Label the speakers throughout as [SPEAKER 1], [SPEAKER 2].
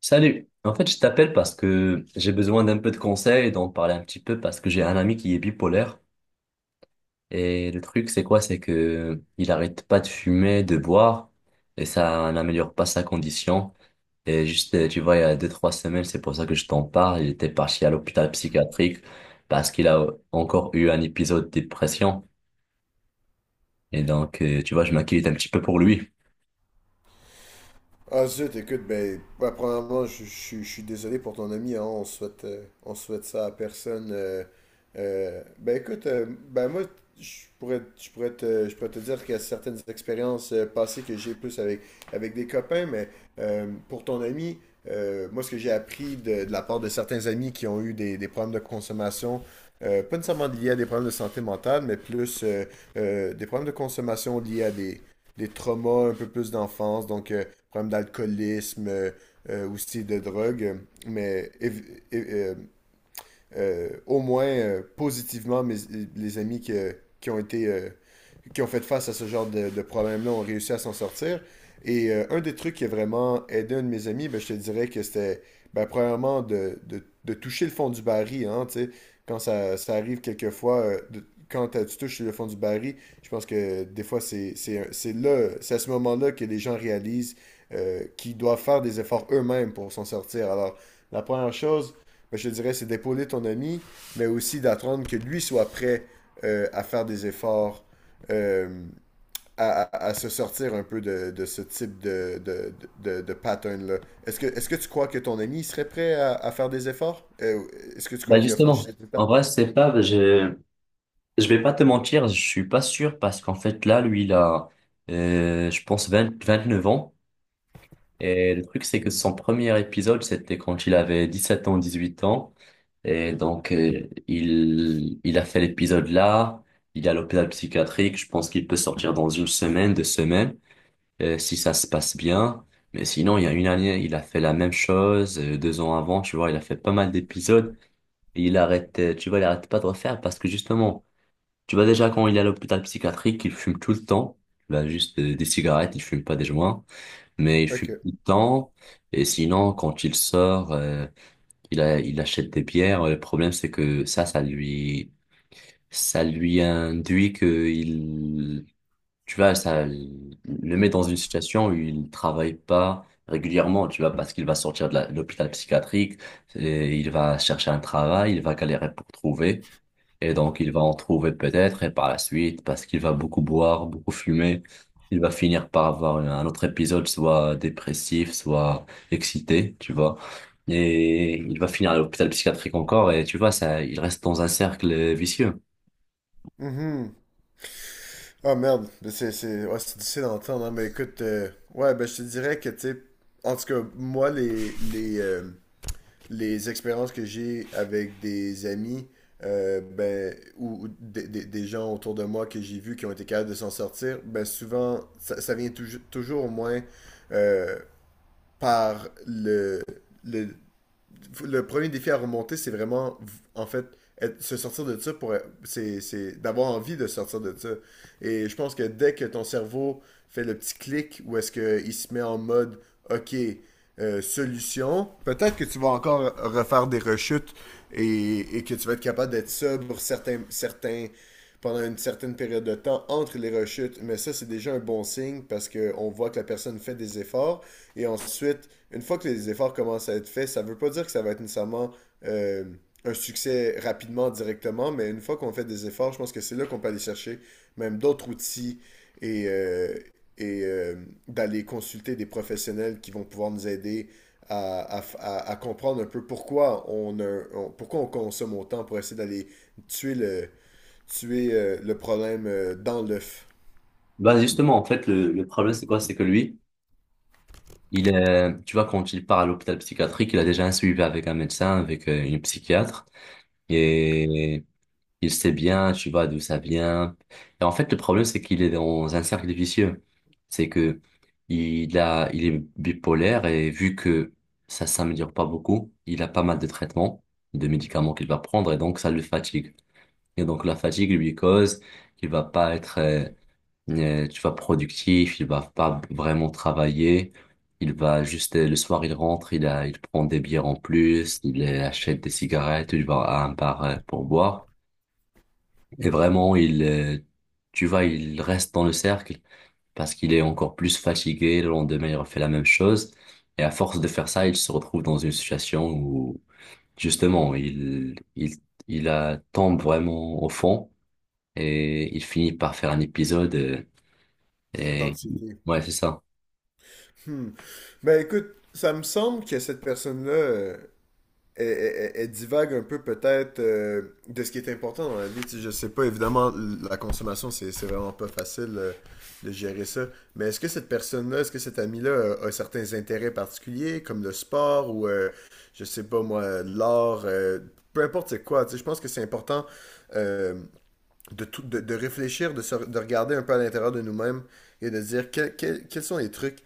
[SPEAKER 1] Salut. En fait, je t'appelle parce que j'ai besoin d'un peu de conseils, d'en parler un petit peu parce que j'ai un ami qui est bipolaire et le truc c'est quoi? C'est que il arrête pas de fumer, de boire et ça n'améliore pas sa condition. Et juste, tu vois, il y a 2, 3 semaines, c'est pour ça que je t'en parle. Il était parti à l'hôpital psychiatrique parce qu'il a encore eu un épisode de dépression. Et donc, tu vois, je m'inquiète un petit peu pour lui.
[SPEAKER 2] Ah zut, écoute, premièrement, je suis désolé pour ton ami, hein, on souhaite ça à personne. Ben écoute, ben moi, je pourrais te dire qu'il y a certaines expériences passées que j'ai plus avec des copains, mais pour ton ami, moi, ce que j'ai appris de la part de certains amis qui ont eu des problèmes de consommation, pas nécessairement liés à des problèmes de santé mentale, mais plus des problèmes de consommation liés des traumas un peu plus d'enfance, problèmes d'alcoolisme, aussi de drogue. Mais év- é- euh, Au moins positivement, les amis qui ont été qui ont fait face à ce genre de problème-là ont réussi à s'en sortir. Et un des trucs qui a vraiment aidé un de mes amis, ben, je te dirais que c'était ben, premièrement de toucher le fond du baril. Hein, tu sais, quand ça arrive quelquefois, quand tu touches le fond du baril, je pense que des fois, c'est là, c'est à ce moment-là que les gens réalisent qu'ils doivent faire des efforts eux-mêmes pour s'en sortir. Alors, la première chose, mais je te dirais, c'est d'épauler ton ami, mais aussi d'attendre que lui soit prêt à faire des efforts, euh, à se sortir un peu de ce type de pattern-là. Est-ce que tu crois que ton ami serait prêt à faire des efforts? Est-ce que tu crois
[SPEAKER 1] Bah
[SPEAKER 2] qu'il a franchi
[SPEAKER 1] justement,
[SPEAKER 2] cette étape?
[SPEAKER 1] en vrai, c'est pas, je vais pas te mentir, je suis pas sûr parce qu'en fait là, je pense, 29 ans. Et le truc, c'est que son premier épisode, c'était quand il avait 17 ans, 18 ans. Et donc, il a fait l'épisode là, il est à l'hôpital psychiatrique, je pense qu'il peut sortir dans une semaine, 2 semaines. Si ça se passe bien. Mais sinon, il y a une année, il a fait la même chose, 2 ans avant, tu vois, il a fait pas mal d'épisodes et il arrête, tu vois, il arrête pas de refaire parce que justement, tu vois déjà quand il est à l'hôpital psychiatrique, il fume tout le temps. Il a juste des cigarettes, il fume pas des joints, mais il
[SPEAKER 2] Ok.
[SPEAKER 1] fume tout le temps. Et sinon, quand il sort, il achète des bières. Le problème, c'est que ça lui induit que il tu vois, ça le met dans une situation où il travaille pas régulièrement, tu vois, parce qu'il va sortir de de l'hôpital psychiatrique, et il va chercher un travail, il va galérer pour trouver, et donc il va en trouver peut-être, et par la suite, parce qu'il va beaucoup boire, beaucoup fumer, il va finir par avoir un autre épisode, soit dépressif, soit excité, tu vois. Et il va finir à l'hôpital psychiatrique encore, et tu vois, ça, il reste dans un cercle vicieux.
[SPEAKER 2] Mhm. Ah merde, mais ouais, c'est difficile d'entendre, hein, mais écoute, ouais, ben je te dirais que, tu sais, en tout cas, moi, les expériences que j'ai avec des amis ou des gens autour de moi que j'ai vus qui ont été capables de s'en sortir, ben souvent, ça vient toujours au moins euh, par le- le premier défi à remonter, c'est vraiment, en fait, se sortir de ça pour. C'est d'avoir envie de sortir de ça. Et je pense que dès que ton cerveau fait le petit clic où est-ce qu'il se met en mode OK, solution, peut-être que tu vas encore refaire des rechutes et que tu vas être capable d'être sobre pendant une certaine période de temps entre les rechutes. Mais ça, c'est déjà un bon signe parce qu'on voit que la personne fait des efforts, et ensuite, une fois que les efforts commencent à être faits, ça ne veut pas dire que ça va être nécessairement euh, un succès rapidement, directement, mais une fois qu'on fait des efforts, je pense que c'est là qu'on peut aller chercher même d'autres outils et, euh, et euh, d'aller consulter des professionnels qui vont pouvoir nous aider à comprendre un peu pourquoi pourquoi on consomme autant pour essayer d'aller tuer tuer, le problème dans l'œuf
[SPEAKER 1] Bah justement, en fait, le problème, c'est quoi? C'est que tu vois, quand il part à l'hôpital psychiatrique, il a déjà un suivi avec un médecin, avec une psychiatre, et il sait bien, tu vois, d'où ça vient. Et en fait, le problème, c'est qu'il est dans un cercle vicieux. C'est que il est bipolaire et vu que ça s'améliore pas beaucoup, il a pas mal de traitements, de médicaments qu'il va prendre, et donc ça le fatigue. Et donc la fatigue lui cause qu'il va pas être tu vois, productif, il va pas vraiment travailler. Il va juste, le soir, il rentre, il prend des bières en plus, il achète des cigarettes, il va à un bar pour boire. Et vraiment, tu vois, il reste dans le cercle parce qu'il est encore plus fatigué. Le lendemain, il refait la même chose. Et à force de faire ça, il se retrouve dans une situation où, justement, tombe vraiment au fond et il finit par faire un épisode et,
[SPEAKER 2] d'anxiété.
[SPEAKER 1] ouais, c'est ça.
[SPEAKER 2] Hmm. Ben écoute, ça me semble que cette personne-là, elle divague un peu peut-être de ce qui est important dans la vie. Tu sais, je sais pas, évidemment, la consommation, c'est vraiment pas facile de gérer ça. Mais est-ce que cette personne-là, est-ce que cet ami-là a certains intérêts particuliers, comme le sport ou, je sais pas moi, l'art, peu importe c'est quoi. Tu sais, je pense que c'est important euh, de réfléchir, de regarder un peu à l'intérieur de nous-mêmes et de dire quels sont les trucs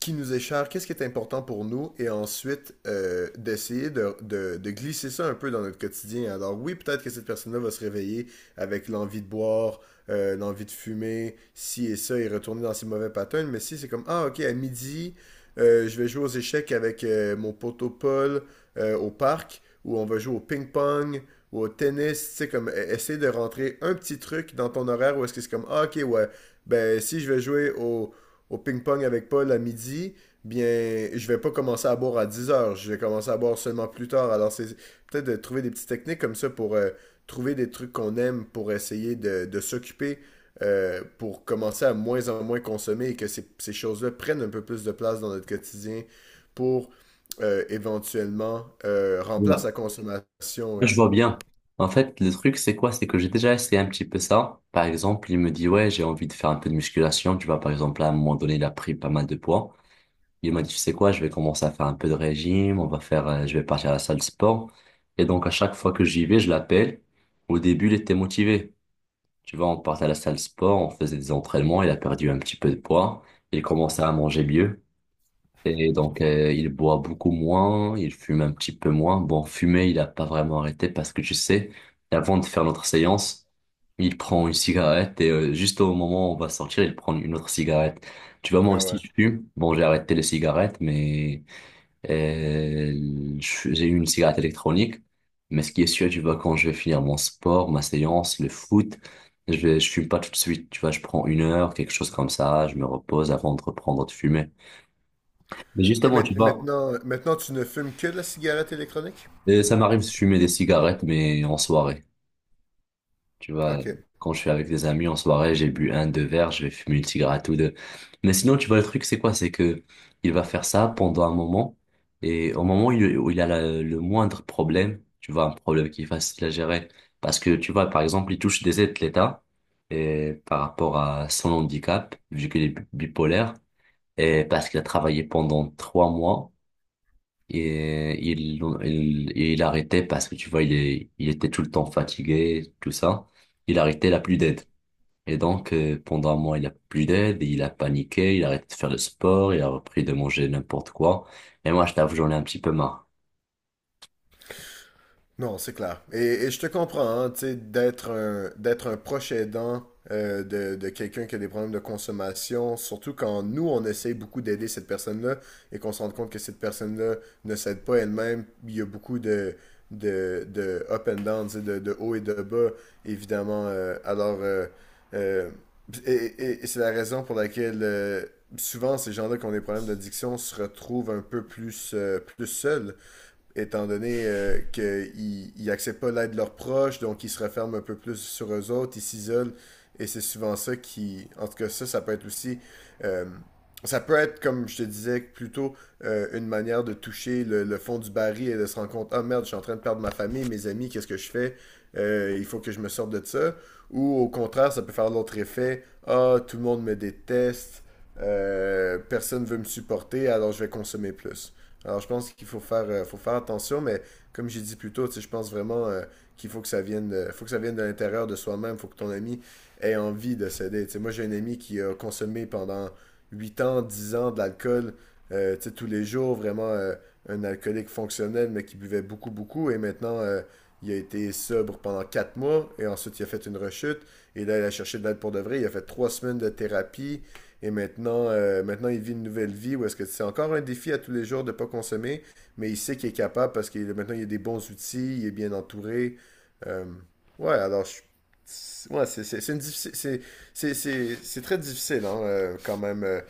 [SPEAKER 2] qui nous est cher, qu'est-ce qui est important pour nous, et ensuite d'essayer de glisser ça un peu dans notre quotidien. Alors oui, peut-être que cette personne-là va se réveiller avec l'envie de boire, l'envie de fumer, ci et ça, et retourner dans ses mauvais patterns, mais si c'est comme, ah ok, à midi, je vais jouer aux échecs avec mon poteau Paul au parc, ou on va jouer au ping-pong, ou au tennis, tu sais, comme essayer de rentrer un petit truc dans ton horaire où est-ce que c'est comme, ah ok, ouais, ben si je vais jouer au ping-pong avec Paul à midi, bien, je vais pas commencer à boire à 10 heures. Je vais commencer à boire seulement plus tard. Alors, c'est peut-être de trouver des petites techniques comme ça pour trouver des trucs qu'on aime pour essayer de s'occuper, pour commencer à moins en moins consommer et que ces choses-là prennent un peu plus de place dans notre quotidien pour éventuellement
[SPEAKER 1] Ouais.
[SPEAKER 2] remplacer la consommation.
[SPEAKER 1] Là, je
[SPEAKER 2] Et,
[SPEAKER 1] vois bien. En fait, le truc, c'est quoi? C'est que j'ai déjà essayé un petit peu ça. Par exemple, il me dit, ouais, j'ai envie de faire un peu de musculation. Tu vois, par exemple, à un moment donné, il a pris pas mal de poids. Il m'a dit, tu sais quoi, je vais commencer à faire un peu de régime. On va faire, je vais partir à la salle de sport. Et donc, à chaque fois que j'y vais, je l'appelle. Au début, il était motivé. Tu vois, on partait à la salle de sport, on faisait des entraînements. Il a perdu un petit peu de poids. Il commençait à manger mieux. Et donc, il boit beaucoup moins, il fume un petit peu moins. Bon, fumer, il n'a pas vraiment arrêté parce que tu sais, avant de faire notre séance, il prend une cigarette et juste au moment où on va sortir, il prend une autre cigarette. Tu vois, moi
[SPEAKER 2] ah
[SPEAKER 1] aussi,
[SPEAKER 2] ouais,
[SPEAKER 1] je fume. Bon, j'ai arrêté les cigarettes, mais euh, j'ai eu une cigarette électronique. Mais ce qui est sûr, tu vois, quand je vais finir mon sport, ma séance, le foot, je fume pas tout de suite. Tu vois, je prends une heure, quelque chose comme ça, je me repose avant de reprendre de fumer. Mais
[SPEAKER 2] et
[SPEAKER 1] justement, tu vois,
[SPEAKER 2] maintenant, maintenant, tu ne fumes que de la cigarette électronique?
[SPEAKER 1] et ça m'arrive de fumer des cigarettes, mais en soirée. Tu vois,
[SPEAKER 2] Ok.
[SPEAKER 1] quand je suis avec des amis en soirée, j'ai bu un, deux verres, je vais fumer une cigarette ou deux. Mais sinon, tu vois, le truc, c'est quoi? C'est que il va faire ça pendant un moment, et au moment où il a le moindre problème, tu vois, un problème qui est facile à gérer, parce que, tu vois, par exemple, il touche des aides de l'État, et par rapport à son handicap, vu qu'il est bipolaire, et parce qu'il a travaillé pendant 3 mois, et il arrêtait parce que tu vois, il était tout le temps fatigué, tout ça. Il arrêtait, il a plus d'aide. Et donc, pendant un mois, il a plus d'aide, il a paniqué, il a arrêté de faire le sport, il a repris de manger n'importe quoi. Et moi, je t'avoue, j'en ai un petit peu marre.
[SPEAKER 2] Non, c'est clair. Et je te comprends, hein, tu sais, d'être un proche aidant de quelqu'un qui a des problèmes de consommation, surtout quand nous, on essaye beaucoup d'aider cette personne-là et qu'on se rend compte que cette personne-là ne s'aide pas elle-même. Il y a beaucoup de up and down, tu sais, de haut et de bas, évidemment. Euh, et c'est la raison pour laquelle souvent ces gens-là qui ont des problèmes d'addiction se retrouvent un peu plus, plus seuls étant donné qu'ils n'acceptent pas l'aide de leurs proches, donc ils se referment un peu plus sur eux autres, ils s'isolent, et c'est souvent ça qui... En tout cas, ça peut être aussi... euh, Ça peut être, comme je te disais, plutôt une manière de toucher le fond du baril et de se rendre compte, ah merde, je suis en train de perdre ma famille, mes amis, qu'est-ce que je fais? Il faut que je me sorte de ça. Ou au contraire, ça peut faire l'autre effet, ah, tout le monde me déteste, personne ne veut me supporter, alors je vais consommer plus. Alors, je pense qu'il faut faire attention, mais comme j'ai dit plus tôt, tu sais, je pense vraiment qu'il faut que ça vienne, faut que ça vienne de l'intérieur de soi-même. Il faut que ton ami ait envie de céder. Tu sais, moi, j'ai un ami qui a consommé pendant 8 ans, 10 ans de l'alcool, tu sais, tous les jours, vraiment un alcoolique fonctionnel, mais qui buvait beaucoup, beaucoup. Et maintenant, il a été sobre pendant 4 mois, et ensuite, il a fait une rechute. Et là, il a cherché de l'aide pour de vrai. Il a fait 3 semaines de thérapie. Et maintenant, maintenant, il vit une nouvelle vie où est-ce que c'est encore un défi à tous les jours de ne pas consommer, mais il sait qu'il est capable parce que maintenant, il a des bons outils, il est bien entouré. Euh, ouais, alors, je- ouais, c'est une diffi- c'est très difficile hein, quand même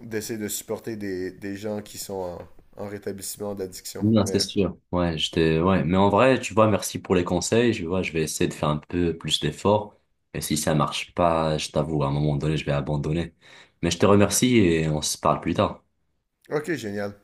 [SPEAKER 2] d'essayer de supporter des gens qui sont en rétablissement d'addiction.
[SPEAKER 1] Non, c'est
[SPEAKER 2] Mais
[SPEAKER 1] sûr. Ouais, j'étais, ouais. Mais en vrai, tu vois, merci pour les conseils. Je vois, je vais essayer de faire un peu plus d'efforts. Et si ça marche pas, je t'avoue, à un moment donné, je vais abandonner. Mais je te remercie et on se parle plus tard.
[SPEAKER 2] ok, génial.